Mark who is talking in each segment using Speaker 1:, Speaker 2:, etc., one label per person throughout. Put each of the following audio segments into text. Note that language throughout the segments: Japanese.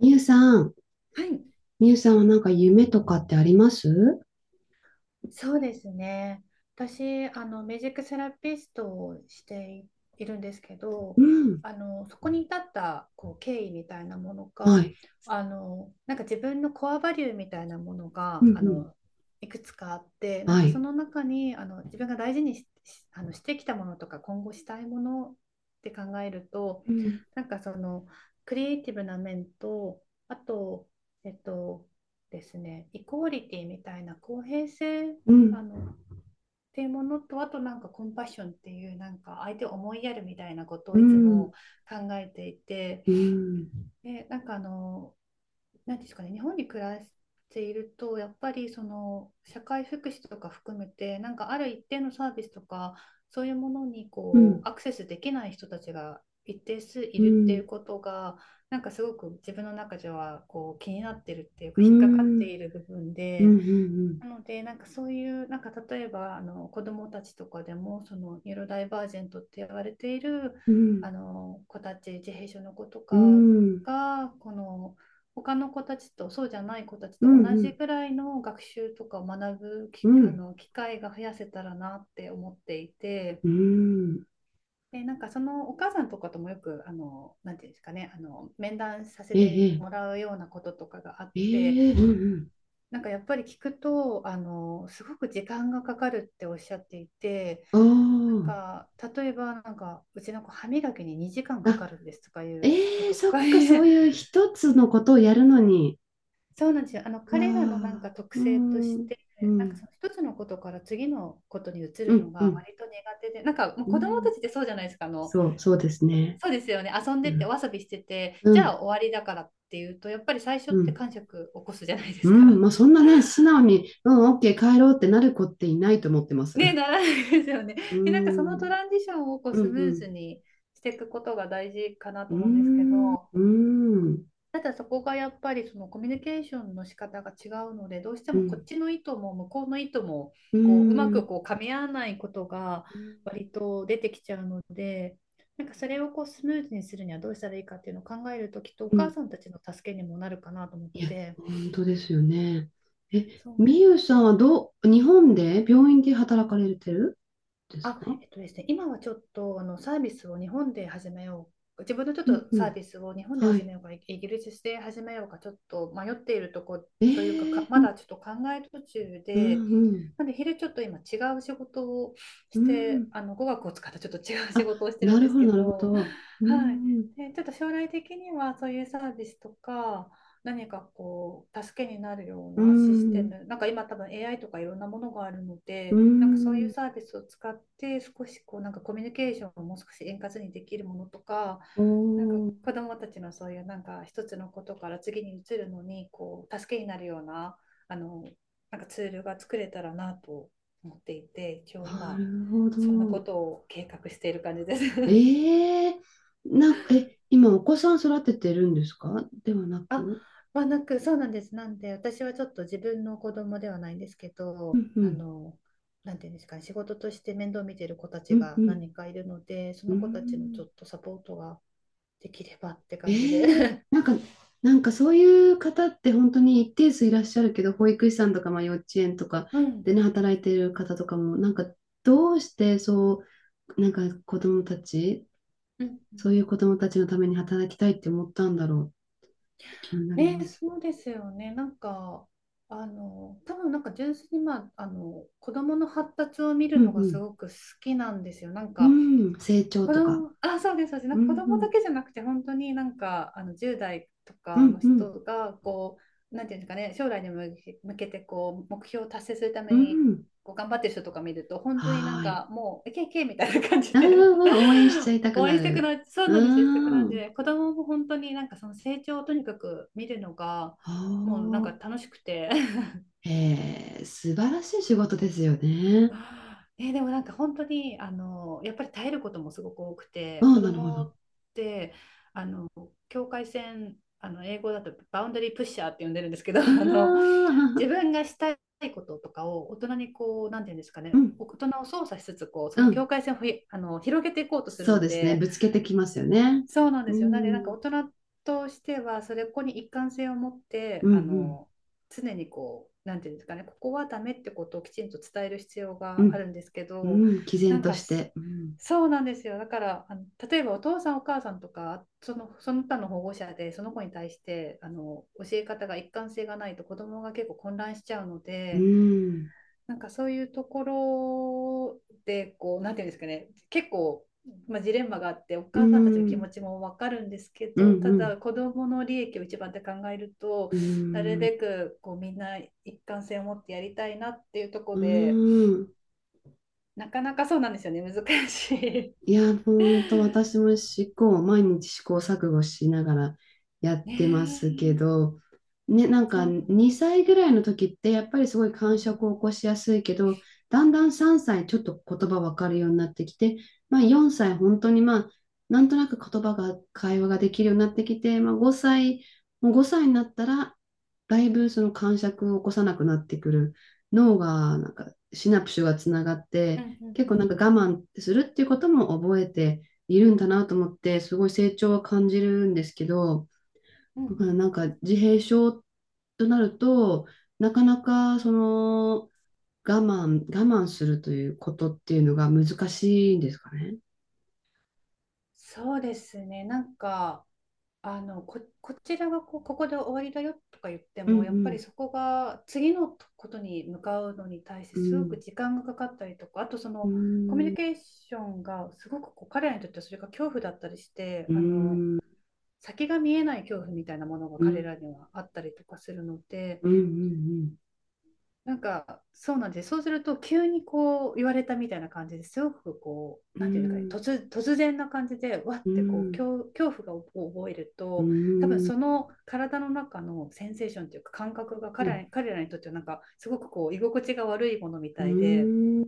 Speaker 1: みゆさん、
Speaker 2: はい。
Speaker 1: みゆさんはなんか夢とかってあります？
Speaker 2: そうですね。私、ミュージックセラピストをしているんですけ
Speaker 1: う
Speaker 2: ど、
Speaker 1: ん。
Speaker 2: そこに至った、経緯みたいなもの
Speaker 1: は
Speaker 2: が、
Speaker 1: い。
Speaker 2: なんか自分のコアバリューみたいなもの
Speaker 1: うん
Speaker 2: が、
Speaker 1: うん。
Speaker 2: いくつかあって、なん
Speaker 1: は
Speaker 2: かそ
Speaker 1: い。
Speaker 2: の中に、自分が大事にし、してきたものとか、今後したいものって考えると、
Speaker 1: うん。
Speaker 2: なんかその、クリエイティブな面と、あと、えっと、ですね、イコーリティみたいな公平性、
Speaker 1: うん。
Speaker 2: あの、っていうものと、あとなんかコンパッションっていう、なんか相手を思いやるみたいなこと
Speaker 1: う
Speaker 2: をいつ
Speaker 1: ん。
Speaker 2: も考えていて、
Speaker 1: うん。
Speaker 2: で、何ですかね、日本に暮らしていると、やっぱりその社会福祉とか含めて、なんかある一定のサービスとか、そういうものに
Speaker 1: う
Speaker 2: こ
Speaker 1: ん。
Speaker 2: うアクセスできない人たちが一定数い
Speaker 1: う
Speaker 2: るってい
Speaker 1: ん。
Speaker 2: うことが、なんかすごく自分の中ではこう気になってるっていう
Speaker 1: う
Speaker 2: か、引っかかっ
Speaker 1: ん。う
Speaker 2: て
Speaker 1: ん。
Speaker 2: いる部分
Speaker 1: う
Speaker 2: で、
Speaker 1: ん。
Speaker 2: なので、なんかそういう、なんか例えばあの子どもたちとかでも、そのニューロダイバージェントって言われている
Speaker 1: うん。う
Speaker 2: あ
Speaker 1: ん。
Speaker 2: の子たち、自閉症の子と
Speaker 1: う
Speaker 2: か
Speaker 1: ん。
Speaker 2: が、この他の子たちとそうじゃない子たちと同じぐらいの学習とかを学ぶ
Speaker 1: う
Speaker 2: きあ
Speaker 1: ん。
Speaker 2: の機会が増やせたらなって思っていて、
Speaker 1: うん。
Speaker 2: で、なんかそのお母さんとかともよく、なんていうんですかね、あの面談させ
Speaker 1: え
Speaker 2: て
Speaker 1: え。
Speaker 2: もらうようなこととかがあって、
Speaker 1: ええ。うん。
Speaker 2: なんかやっぱり聞くと、すごく時間がかかるっておっしゃっていて、
Speaker 1: う
Speaker 2: なん
Speaker 1: ん。あ
Speaker 2: か、例えば、なんか、うちの子、歯磨きに2時間
Speaker 1: あ。
Speaker 2: か
Speaker 1: あ、
Speaker 2: かるんですとかいうこ
Speaker 1: ええ、
Speaker 2: と
Speaker 1: そ
Speaker 2: か、
Speaker 1: っか、そういう 一つのことをやるのに。
Speaker 2: そうなんですよ。あの、
Speaker 1: わ
Speaker 2: 彼らのなんか
Speaker 1: あ。
Speaker 2: 特
Speaker 1: う
Speaker 2: 性とし
Speaker 1: ん。
Speaker 2: て、
Speaker 1: う
Speaker 2: なんかそ
Speaker 1: ん。
Speaker 2: の一つのことから次のことに移
Speaker 1: う
Speaker 2: るの
Speaker 1: ん。う
Speaker 2: が
Speaker 1: ん。
Speaker 2: 割と苦手で、なんかもう
Speaker 1: う
Speaker 2: 子供
Speaker 1: ん。
Speaker 2: たちってそうじゃないですか、あの、
Speaker 1: そう、そうですね。
Speaker 2: そうですよね、遊んで
Speaker 1: う
Speaker 2: ってお
Speaker 1: ん。
Speaker 2: 遊びしてて、じゃあ終わりだからっていうと、やっぱり最初っ
Speaker 1: う
Speaker 2: て
Speaker 1: ん。
Speaker 2: 感触起こすじゃないで
Speaker 1: う
Speaker 2: す
Speaker 1: ん。
Speaker 2: か。
Speaker 1: まあ、そんなね、素直に、うん、オッケー、帰ろうってなる子っていないと思ってます。
Speaker 2: ね、ならないですよね。
Speaker 1: う
Speaker 2: で、なんかそのト
Speaker 1: ん。
Speaker 2: ランジションをこう
Speaker 1: うん、
Speaker 2: ス
Speaker 1: う
Speaker 2: ムーズ
Speaker 1: ん。
Speaker 2: にしていくことが大事かな
Speaker 1: う
Speaker 2: と思うんですけ
Speaker 1: ん。
Speaker 2: ど、
Speaker 1: うん。
Speaker 2: ただそこがやっぱりそのコミュニケーションの仕方が違うので、どうして
Speaker 1: う
Speaker 2: もこっ
Speaker 1: ん。
Speaker 2: ちの意図も向こうの意図も
Speaker 1: う
Speaker 2: こううまく
Speaker 1: ん。
Speaker 2: こう噛み合わないことが割と出てきちゃうので、なんかそれをこうスムーズにするにはどうしたらいいかっていうのを考えると、きっとお
Speaker 1: う
Speaker 2: 母
Speaker 1: ん。
Speaker 2: さんたちの助けにもなるかなと思っ
Speaker 1: いや、
Speaker 2: て、
Speaker 1: 本当ですよね。え、
Speaker 2: そう。
Speaker 1: みゆさんはどう、日本で病院で働かれてるんです
Speaker 2: あ、
Speaker 1: か？
Speaker 2: えっとですね、今はちょっとあのサービスを日本で始めよう、自分のちょっ
Speaker 1: うん
Speaker 2: と
Speaker 1: う
Speaker 2: サー
Speaker 1: ん。
Speaker 2: ビスを日本で
Speaker 1: は
Speaker 2: 始
Speaker 1: い。
Speaker 2: めようか、イギリスで始めようか、ちょっと迷っているとこというか、
Speaker 1: え
Speaker 2: か、
Speaker 1: えう
Speaker 2: ま
Speaker 1: ん。
Speaker 2: だちょっと考え途中
Speaker 1: う
Speaker 2: で、
Speaker 1: ん
Speaker 2: なんで昼ちょっと今違う仕事をし
Speaker 1: うん。う
Speaker 2: て、
Speaker 1: ん。
Speaker 2: あの語学を使ったちょっと違う仕
Speaker 1: あ、
Speaker 2: 事をしてる
Speaker 1: な
Speaker 2: んで
Speaker 1: る
Speaker 2: す
Speaker 1: ほど、
Speaker 2: け
Speaker 1: なるほ
Speaker 2: ど、
Speaker 1: ど。う
Speaker 2: はい。
Speaker 1: ん。
Speaker 2: で、ちょっと将来的にはそういうサービスとか、何かこう助けになるよう
Speaker 1: う
Speaker 2: なシステ
Speaker 1: ん。
Speaker 2: ム、なんか今多分 AI とかいろんなものがあるの
Speaker 1: う
Speaker 2: で、なんかそういう
Speaker 1: ん。
Speaker 2: サービスを使って少しこうなんかコミュニケーションをもう少し円滑にできるものとか、
Speaker 1: お
Speaker 2: なんか
Speaker 1: ー。
Speaker 2: 子どもたちのそういうなんか一つのことから次に移るのにこう助けになるような、あのなんかツールが作れたらなと思っていて、一応
Speaker 1: な
Speaker 2: 今
Speaker 1: るほ
Speaker 2: そんなこ
Speaker 1: ど。
Speaker 2: とを計画している感じです。
Speaker 1: ええ、なんか、え、今お子さん育ててるんですかではな
Speaker 2: あ、
Speaker 1: く。
Speaker 2: まあ、なく、そうなんです。なんで、私はちょっと自分の子供ではないんですけ
Speaker 1: う
Speaker 2: ど、
Speaker 1: んうん、
Speaker 2: なんていうんですかね、仕事として面倒見てる子た
Speaker 1: う
Speaker 2: ち
Speaker 1: んう
Speaker 2: が何
Speaker 1: ん、
Speaker 2: 人かいるので、そ
Speaker 1: うー
Speaker 2: の子たちのちょ
Speaker 1: ん。
Speaker 2: っとサポートができればって感じで。
Speaker 1: ええ、 なんかそういう方って本当に一定数いらっしゃるけど、保育士さんとか、まあ、幼稚園とか
Speaker 2: うん。
Speaker 1: でね、働いてる方とかも、なんか、どうしてそう、なんか子供たち、
Speaker 2: うんうん。
Speaker 1: そういう子供たちのために働きたいって思ったんだろうって気になり
Speaker 2: ね、
Speaker 1: ます。
Speaker 2: そうですよね。なんか、多分なんか純粋に、まあ、子供の発達を見
Speaker 1: う
Speaker 2: るのがす
Speaker 1: ん
Speaker 2: ごく好きなんですよ。なん
Speaker 1: う
Speaker 2: か、
Speaker 1: ん、うん、成長
Speaker 2: 子
Speaker 1: とか。
Speaker 2: 供、あ、そうです、そうです。なん
Speaker 1: う
Speaker 2: か子
Speaker 1: んう
Speaker 2: 供だ
Speaker 1: ん
Speaker 2: けじゃなくて、本当になんか、10代と
Speaker 1: う
Speaker 2: か
Speaker 1: ん
Speaker 2: の
Speaker 1: うん。
Speaker 2: 人が、こう、なんていうんですかね、将来に向けて、こう、目標を達成するため
Speaker 1: う
Speaker 2: に、
Speaker 1: ん。
Speaker 2: こう、頑張ってる人とか見ると、本当になん
Speaker 1: はーい。
Speaker 2: か、もう、いけいけみたいな感じ
Speaker 1: うん
Speaker 2: で
Speaker 1: うんうん、応援しちゃいた く
Speaker 2: 応
Speaker 1: な
Speaker 2: 援してく
Speaker 1: る。
Speaker 2: な、そう
Speaker 1: う
Speaker 2: なんですよ、してくな
Speaker 1: ー
Speaker 2: ん
Speaker 1: ん。
Speaker 2: で、子供も本当になんか、その成長をとにかく見るのが、もうなん
Speaker 1: お
Speaker 2: か
Speaker 1: ー。
Speaker 2: 楽しくて
Speaker 1: えー、素晴らしい仕事ですよね。
Speaker 2: あー、えー、でもなんか本当にあのやっぱり耐えることもすごく多く
Speaker 1: あ
Speaker 2: て、
Speaker 1: あ、
Speaker 2: 子
Speaker 1: なるほど。
Speaker 2: 供
Speaker 1: う
Speaker 2: って、あの、境界線、あの、英語だとバウンダリープッシャーって呼んでるんですけど
Speaker 1: ー
Speaker 2: あの、
Speaker 1: ん。
Speaker 2: 自分がしたいこととかを大人にこうなんていうんですか
Speaker 1: う
Speaker 2: ね、
Speaker 1: ん。
Speaker 2: 大人を操作しつつこうそ
Speaker 1: う
Speaker 2: の
Speaker 1: ん。
Speaker 2: 境界線をふいあの広げていこうとする
Speaker 1: そう
Speaker 2: の
Speaker 1: ですね。
Speaker 2: で、
Speaker 1: ぶつけてきますよね。
Speaker 2: そうなんで
Speaker 1: う
Speaker 2: すよ。なんで、なんか
Speaker 1: ん。
Speaker 2: 大人としては、それここに一貫性を持っ
Speaker 1: う
Speaker 2: て、
Speaker 1: んう
Speaker 2: あ
Speaker 1: ん
Speaker 2: の、常にこう、なんていうんですかね、ここはダメってことをきちんと伝える必要
Speaker 1: う
Speaker 2: がある
Speaker 1: ん。
Speaker 2: んですけ
Speaker 1: う
Speaker 2: ど、
Speaker 1: ん。毅
Speaker 2: な
Speaker 1: 然
Speaker 2: ん
Speaker 1: と
Speaker 2: か
Speaker 1: し
Speaker 2: す、
Speaker 1: て。うん。
Speaker 2: そうなんですよ。だから、あの、例えばお父さんお母さんとか、その、その他の保護者で、その子に対して、あの、教え方が一貫性がないと子供が結構混乱しちゃうの
Speaker 1: う
Speaker 2: で、
Speaker 1: ん。
Speaker 2: なんかそういうところでこう、なんていうんですかね、結構、まあ、ジレンマがあって、お
Speaker 1: う
Speaker 2: 母さんたちの気
Speaker 1: ん。
Speaker 2: 持ちもわかるんですけ
Speaker 1: う
Speaker 2: ど、
Speaker 1: ん
Speaker 2: た
Speaker 1: う
Speaker 2: だ
Speaker 1: ん。
Speaker 2: 子どもの利益を一番って考えると、
Speaker 1: う
Speaker 2: なる
Speaker 1: ん。
Speaker 2: べくこうみんな一貫性を持ってやりたいなっていうとこ
Speaker 1: う
Speaker 2: ろで、
Speaker 1: ん。
Speaker 2: なかなかそうなんですよね、難しい。
Speaker 1: いや、本当私 も毎日試行錯誤しながらやっ
Speaker 2: ね
Speaker 1: てますけ
Speaker 2: え、
Speaker 1: ど、ね、なん
Speaker 2: そ
Speaker 1: か
Speaker 2: うなんです。
Speaker 1: 2歳ぐらいの時ってやっぱりすごい感触を起こしやすいけど、だんだん3歳ちょっと言葉わかるようになってきて、まあ4歳本当にまあ、なんとなく言葉が、会話ができるようになってきて、まあ5歳、もう5歳になったら、だいぶその感触を起こさなくなってくる。脳がなんかシナプスがつながっ
Speaker 2: うん
Speaker 1: て、
Speaker 2: う
Speaker 1: 結構
Speaker 2: ん
Speaker 1: なんか我慢するっていうことも覚えているんだなと思って、すごい成長は感じるんですけど、
Speaker 2: うんうん
Speaker 1: だ
Speaker 2: うんう
Speaker 1: か
Speaker 2: ん。
Speaker 1: らなんか自閉症となると、なかなかその我慢するということっていうのが難しいんですかね。
Speaker 2: そうですね、なんかこちらがこう、ここで終わりだよとか言って
Speaker 1: う
Speaker 2: も、やっぱり
Speaker 1: ん
Speaker 2: そこが次のことに向かうのに対して
Speaker 1: う
Speaker 2: すご
Speaker 1: ん。
Speaker 2: く時間がかかったりとか、あとそ
Speaker 1: うん。
Speaker 2: のコミュ
Speaker 1: う
Speaker 2: ニ
Speaker 1: ん。
Speaker 2: ケーションがすごくこう彼らにとってはそれが恐怖だったりして、
Speaker 1: う
Speaker 2: あ
Speaker 1: ん。
Speaker 2: の先が見えない恐怖みたいなものが
Speaker 1: う
Speaker 2: 彼
Speaker 1: ん。
Speaker 2: らにはあったりとかするので、
Speaker 1: うん。
Speaker 2: なんか、そうなんです。そうすると、急にこう言われたみたいな感じですごくこ
Speaker 1: う
Speaker 2: う、
Speaker 1: ん。
Speaker 2: なんていうか
Speaker 1: う
Speaker 2: ね、
Speaker 1: ん。
Speaker 2: 突然な感じで、わってこう、恐怖がを覚える
Speaker 1: う
Speaker 2: と、多分
Speaker 1: ん。
Speaker 2: その体の中のセンセーションというか感覚が彼らにとってはなんか、すごくこう、居心地が悪いものみ
Speaker 1: う
Speaker 2: たいで、
Speaker 1: ん。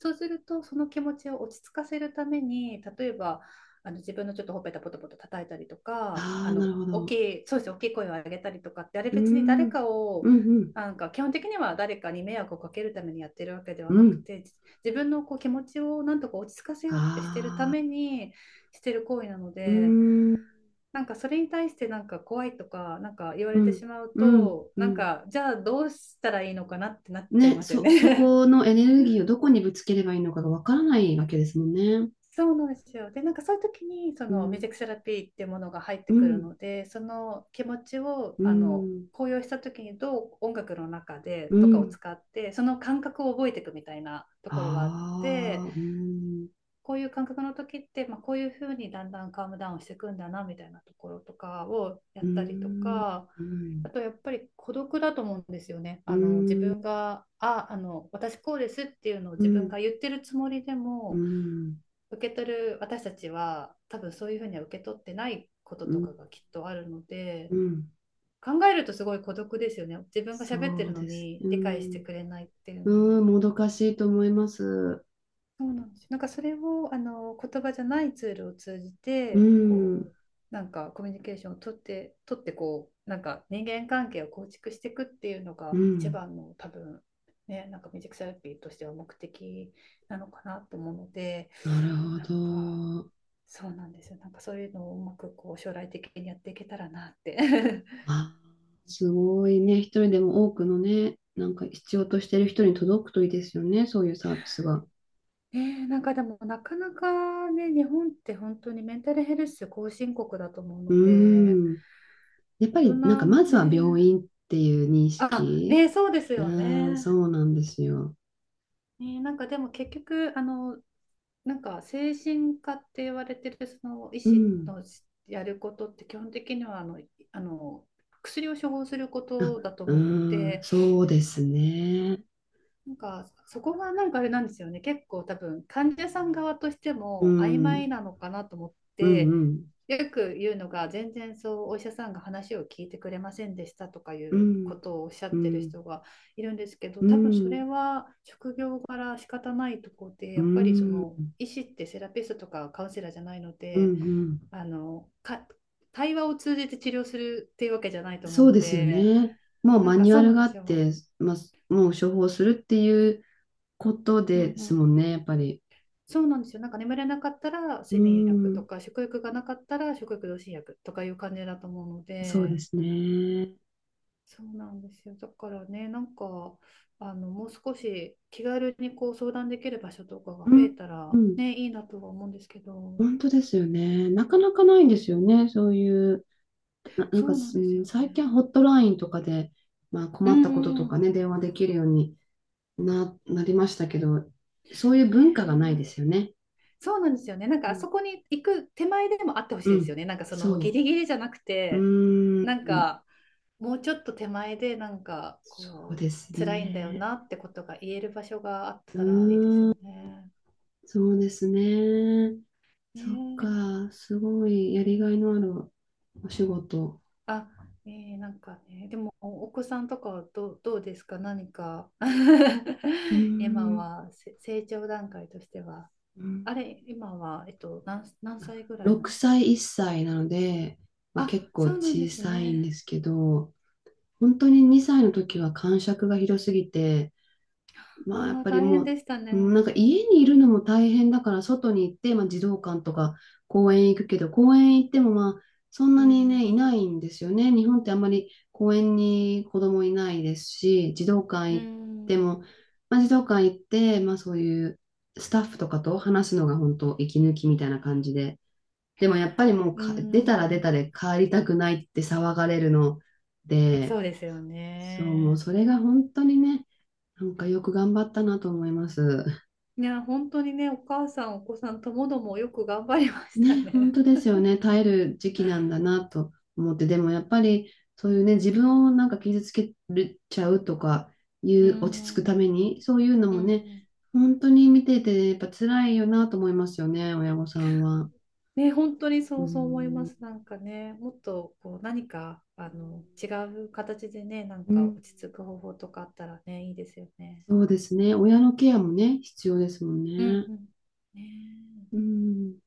Speaker 2: そうすると、その気持ちを落ち着かせるために、例えば、自分のちょっとほっぺたポトポト叩いたりとか、
Speaker 1: あ
Speaker 2: あ
Speaker 1: あ、なる
Speaker 2: の
Speaker 1: ほ
Speaker 2: 大き
Speaker 1: ど。
Speaker 2: い、そうですね、大きい声を上げたりとかって、あれ
Speaker 1: う
Speaker 2: 別に誰
Speaker 1: ん。うん。
Speaker 2: かを、
Speaker 1: うん。
Speaker 2: なんか基本的には誰かに迷惑をかけるためにやってるわけでは
Speaker 1: う
Speaker 2: なく
Speaker 1: ん。
Speaker 2: て、自分のこう気持ちをなんとか落ち着かせようってしてるた
Speaker 1: ああ。
Speaker 2: めにしてる行為なの
Speaker 1: うー
Speaker 2: で、
Speaker 1: ん、
Speaker 2: なんかそれに対してなんか怖いとか、なんか言わ
Speaker 1: う
Speaker 2: れて
Speaker 1: ん、
Speaker 2: しまう
Speaker 1: うん、
Speaker 2: と、
Speaker 1: う
Speaker 2: なん
Speaker 1: ん。
Speaker 2: かじゃあどうしたらいいのかなってなっちゃい
Speaker 1: ね、
Speaker 2: ますよ
Speaker 1: そ、そ
Speaker 2: ね。
Speaker 1: このエネルギーをどこにぶつければいいのかがわからないわけですもんね。
Speaker 2: そうなんですよ。で、なんかそういう時にそ
Speaker 1: う
Speaker 2: のミュー
Speaker 1: ん、
Speaker 2: ジックセラピーってものが入って
Speaker 1: う
Speaker 2: くる
Speaker 1: ん、
Speaker 2: ので、その気持ちを
Speaker 1: うん、
Speaker 2: 高揚した時にどう音楽の中
Speaker 1: う
Speaker 2: でとかを
Speaker 1: ん。
Speaker 2: 使ってその感覚を覚えていくみたいなところがあって、
Speaker 1: ああ、うん、
Speaker 2: こういう感覚の時って、まあ、こういうふうにだんだんカームダウンしていくんだなみたいなところとかをや
Speaker 1: う
Speaker 2: ったりと
Speaker 1: ん、
Speaker 2: か、
Speaker 1: うん、
Speaker 2: あとやっぱり孤独だと思うんですよね。
Speaker 1: う
Speaker 2: あの自
Speaker 1: ん、
Speaker 2: 分が、あ、あの私こうですっていうのを
Speaker 1: う
Speaker 2: 自分
Speaker 1: ん、
Speaker 2: が言ってるつもりで
Speaker 1: う
Speaker 2: も、
Speaker 1: ん、
Speaker 2: 受け取る私たちは多分そういうふうには受け取ってないこと
Speaker 1: う
Speaker 2: とか
Speaker 1: ん、
Speaker 2: がきっとあるので、
Speaker 1: うん。
Speaker 2: 考えるとすごい孤独ですよね。自分が喋っ
Speaker 1: そ
Speaker 2: てる
Speaker 1: う
Speaker 2: の
Speaker 1: ですね。
Speaker 2: に
Speaker 1: う
Speaker 2: 理解して
Speaker 1: ん、
Speaker 2: くれないっていうのは。
Speaker 1: うん、もどかしいと思います。
Speaker 2: そうなんです。なんかそれをあの言葉じゃないツールを通じ
Speaker 1: う
Speaker 2: てこ
Speaker 1: ん、
Speaker 2: うなんかコミュニケーションを取ってこうなんか人間関係を構築していくっていうの
Speaker 1: う
Speaker 2: が一
Speaker 1: ん。
Speaker 2: 番の多分ね、なんかミュージックセラピーとしては目的なのかなと思うので、
Speaker 1: なるほ
Speaker 2: なんか
Speaker 1: ど。
Speaker 2: そうなんですよ。なんかそういうのをうまくこう将来的にやっていけたらなって
Speaker 1: あー、すごいね。一人でも多くのね、なんか必要としてる人に届くといいですよね。そういうサービスが。
Speaker 2: ねえ、なんかでもなかなかね、日本って本当にメンタルヘルス後進国だと思う
Speaker 1: う
Speaker 2: ので、
Speaker 1: ーん。やっ
Speaker 2: 大
Speaker 1: ぱ
Speaker 2: 人
Speaker 1: りなんか
Speaker 2: も
Speaker 1: まずは
Speaker 2: ね、
Speaker 1: 病院っていう認
Speaker 2: あ、
Speaker 1: 識。
Speaker 2: ね、そうです
Speaker 1: う
Speaker 2: よ
Speaker 1: ーん、そ
Speaker 2: ね。
Speaker 1: うなんですよ。
Speaker 2: ね、なんかでも結局、あの、なんか精神科って言われてるその医
Speaker 1: う
Speaker 2: 師
Speaker 1: ん。
Speaker 2: のやることって基本的にはあの薬を処方するこ
Speaker 1: あ、
Speaker 2: とだと
Speaker 1: う
Speaker 2: 思うの
Speaker 1: ーん、
Speaker 2: で、
Speaker 1: そうですね。
Speaker 2: なんかそこがなんかあれなんですよね。結構多分患者さん側として
Speaker 1: うん、
Speaker 2: も
Speaker 1: う
Speaker 2: 曖昧
Speaker 1: ん、
Speaker 2: なのかなと思っ
Speaker 1: う
Speaker 2: て、
Speaker 1: ん、
Speaker 2: よく言うのが全然そうお医者さんが話を聞いてくれませんでしたとかい
Speaker 1: う
Speaker 2: うこ
Speaker 1: ん、
Speaker 2: とをおっしゃ
Speaker 1: う
Speaker 2: ってる
Speaker 1: ん、
Speaker 2: 人がいるんですけど、
Speaker 1: う
Speaker 2: 多分そ
Speaker 1: ん、
Speaker 2: れは職業柄仕方ないとこで、
Speaker 1: う
Speaker 2: やっぱりその
Speaker 1: ん、
Speaker 2: 医師ってセラピストとかカウンセラーじゃないの
Speaker 1: う
Speaker 2: で、
Speaker 1: ん。
Speaker 2: あのか対話を通じて治療するっていうわけじゃないと思う
Speaker 1: そう
Speaker 2: の
Speaker 1: ですよ
Speaker 2: で、
Speaker 1: ね。もう
Speaker 2: なん
Speaker 1: マ
Speaker 2: か
Speaker 1: ニュ
Speaker 2: そ
Speaker 1: ア
Speaker 2: う
Speaker 1: ル
Speaker 2: なん
Speaker 1: が
Speaker 2: で
Speaker 1: あ
Speaker 2: す
Speaker 1: っ
Speaker 2: よ。
Speaker 1: て、まあ、もう処方するっていうこと
Speaker 2: うんう
Speaker 1: です
Speaker 2: ん、
Speaker 1: もんね、やっぱり。
Speaker 2: そうなんですよ。なんか眠れなかったら
Speaker 1: うー
Speaker 2: 睡眠薬と
Speaker 1: ん、
Speaker 2: か、食欲がなかったら食欲増進薬とかいう感じだと思うの
Speaker 1: そうで
Speaker 2: で、
Speaker 1: すね。
Speaker 2: そうなんですよ。だからね、なんか、もう少し気軽にこう相談できる場所とかが
Speaker 1: う
Speaker 2: 増え
Speaker 1: ん、
Speaker 2: た
Speaker 1: う
Speaker 2: ら、
Speaker 1: ん、
Speaker 2: ね、いいなとは思うんですけど、
Speaker 1: 本当ですよね。なかなかないんですよね、そういう、な、なん
Speaker 2: そ
Speaker 1: か、
Speaker 2: うなん
Speaker 1: す
Speaker 2: です
Speaker 1: う
Speaker 2: よ
Speaker 1: ん最近
Speaker 2: ね。
Speaker 1: ホットラインとかで、まあ、
Speaker 2: う
Speaker 1: 困ったこと
Speaker 2: ん
Speaker 1: と
Speaker 2: う
Speaker 1: か
Speaker 2: ん。
Speaker 1: ね、電話できるようになりましたけど、そういう
Speaker 2: ね
Speaker 1: 文化がないで
Speaker 2: え、
Speaker 1: すよね。
Speaker 2: そうなんですよね。なん
Speaker 1: う
Speaker 2: かあ
Speaker 1: ん、
Speaker 2: そこに行く手前でもあってほし
Speaker 1: う
Speaker 2: いですよ
Speaker 1: ん
Speaker 2: ね。なんかそのもうギ
Speaker 1: そ
Speaker 2: リギリじゃなく
Speaker 1: う。う
Speaker 2: て、なん
Speaker 1: ーん、
Speaker 2: かもうちょっと手前でなんか
Speaker 1: そう
Speaker 2: こ
Speaker 1: で
Speaker 2: う
Speaker 1: す
Speaker 2: 辛いんだよ
Speaker 1: ね。
Speaker 2: なってことが言える場所があったらいいですよね。
Speaker 1: そうですね。
Speaker 2: ね
Speaker 1: そっ
Speaker 2: え、
Speaker 1: か、すごいやりがいのあるお仕事。
Speaker 2: あ、ねえなんかね、でもお子さんとかはどうですか、何か。
Speaker 1: うー
Speaker 2: 今
Speaker 1: ん、
Speaker 2: は成長段階としては。
Speaker 1: うん。
Speaker 2: あれ、今は、何、何
Speaker 1: あ、
Speaker 2: 歳ぐらいなん
Speaker 1: 6
Speaker 2: ですか？
Speaker 1: 歳、1歳なので、まあ、結
Speaker 2: あ、
Speaker 1: 構
Speaker 2: そうなんで
Speaker 1: 小
Speaker 2: す
Speaker 1: さいんで
Speaker 2: ね。
Speaker 1: すけど、本当に2歳の時は感触が広すぎて、まあ、や
Speaker 2: あ
Speaker 1: っ
Speaker 2: あ、
Speaker 1: ぱり
Speaker 2: 大変
Speaker 1: も
Speaker 2: でした
Speaker 1: う、
Speaker 2: ね。
Speaker 1: なんか家にいるのも大変だから、外に行って、まあ、児童館とか公園行くけど、公園行っても、まあ、そん
Speaker 2: う
Speaker 1: なに
Speaker 2: ん。
Speaker 1: ね、いないんですよね。日本ってあんまり公園に子供いないですし、児童館
Speaker 2: う
Speaker 1: 行って
Speaker 2: ん。
Speaker 1: も、まあ、児童館行って、まあ、そういうスタッフとかと話すのが本当息抜きみたいな感じで。でもやっぱりもう
Speaker 2: う
Speaker 1: か出たら出
Speaker 2: ん。
Speaker 1: たで帰りたくないって騒がれるの
Speaker 2: そ
Speaker 1: で、
Speaker 2: うですよ
Speaker 1: そう、もう
Speaker 2: ね。
Speaker 1: それが本当にね、なんかよく頑張ったなと思います。
Speaker 2: いや、本当にね、お母さん、お子さんともどもよく頑張りました
Speaker 1: ね、本
Speaker 2: ね。
Speaker 1: 当ですよね。耐える時期なんだなと思って、でもやっぱりそ
Speaker 2: う
Speaker 1: ういうね、
Speaker 2: ん、
Speaker 1: 自分をなんか傷つけるちゃうとかい
Speaker 2: う
Speaker 1: う、落ち着くた
Speaker 2: ん、う
Speaker 1: め
Speaker 2: ん、
Speaker 1: に、そういうの
Speaker 2: う
Speaker 1: もね、
Speaker 2: ん、
Speaker 1: 本当に見ててやっぱ辛いよなと思いますよね、親御さんは。
Speaker 2: ね、本当に
Speaker 1: う
Speaker 2: そう思いま
Speaker 1: ん、
Speaker 2: す。なんかね、もっとこう何か違う形でね、なん
Speaker 1: う
Speaker 2: か落
Speaker 1: ん。
Speaker 2: ち着く方法とかあったらね、いいですよね。
Speaker 1: そうですね。親のケアもね、必要ですもん
Speaker 2: うん
Speaker 1: ね。
Speaker 2: うん。ね
Speaker 1: う
Speaker 2: え。
Speaker 1: ん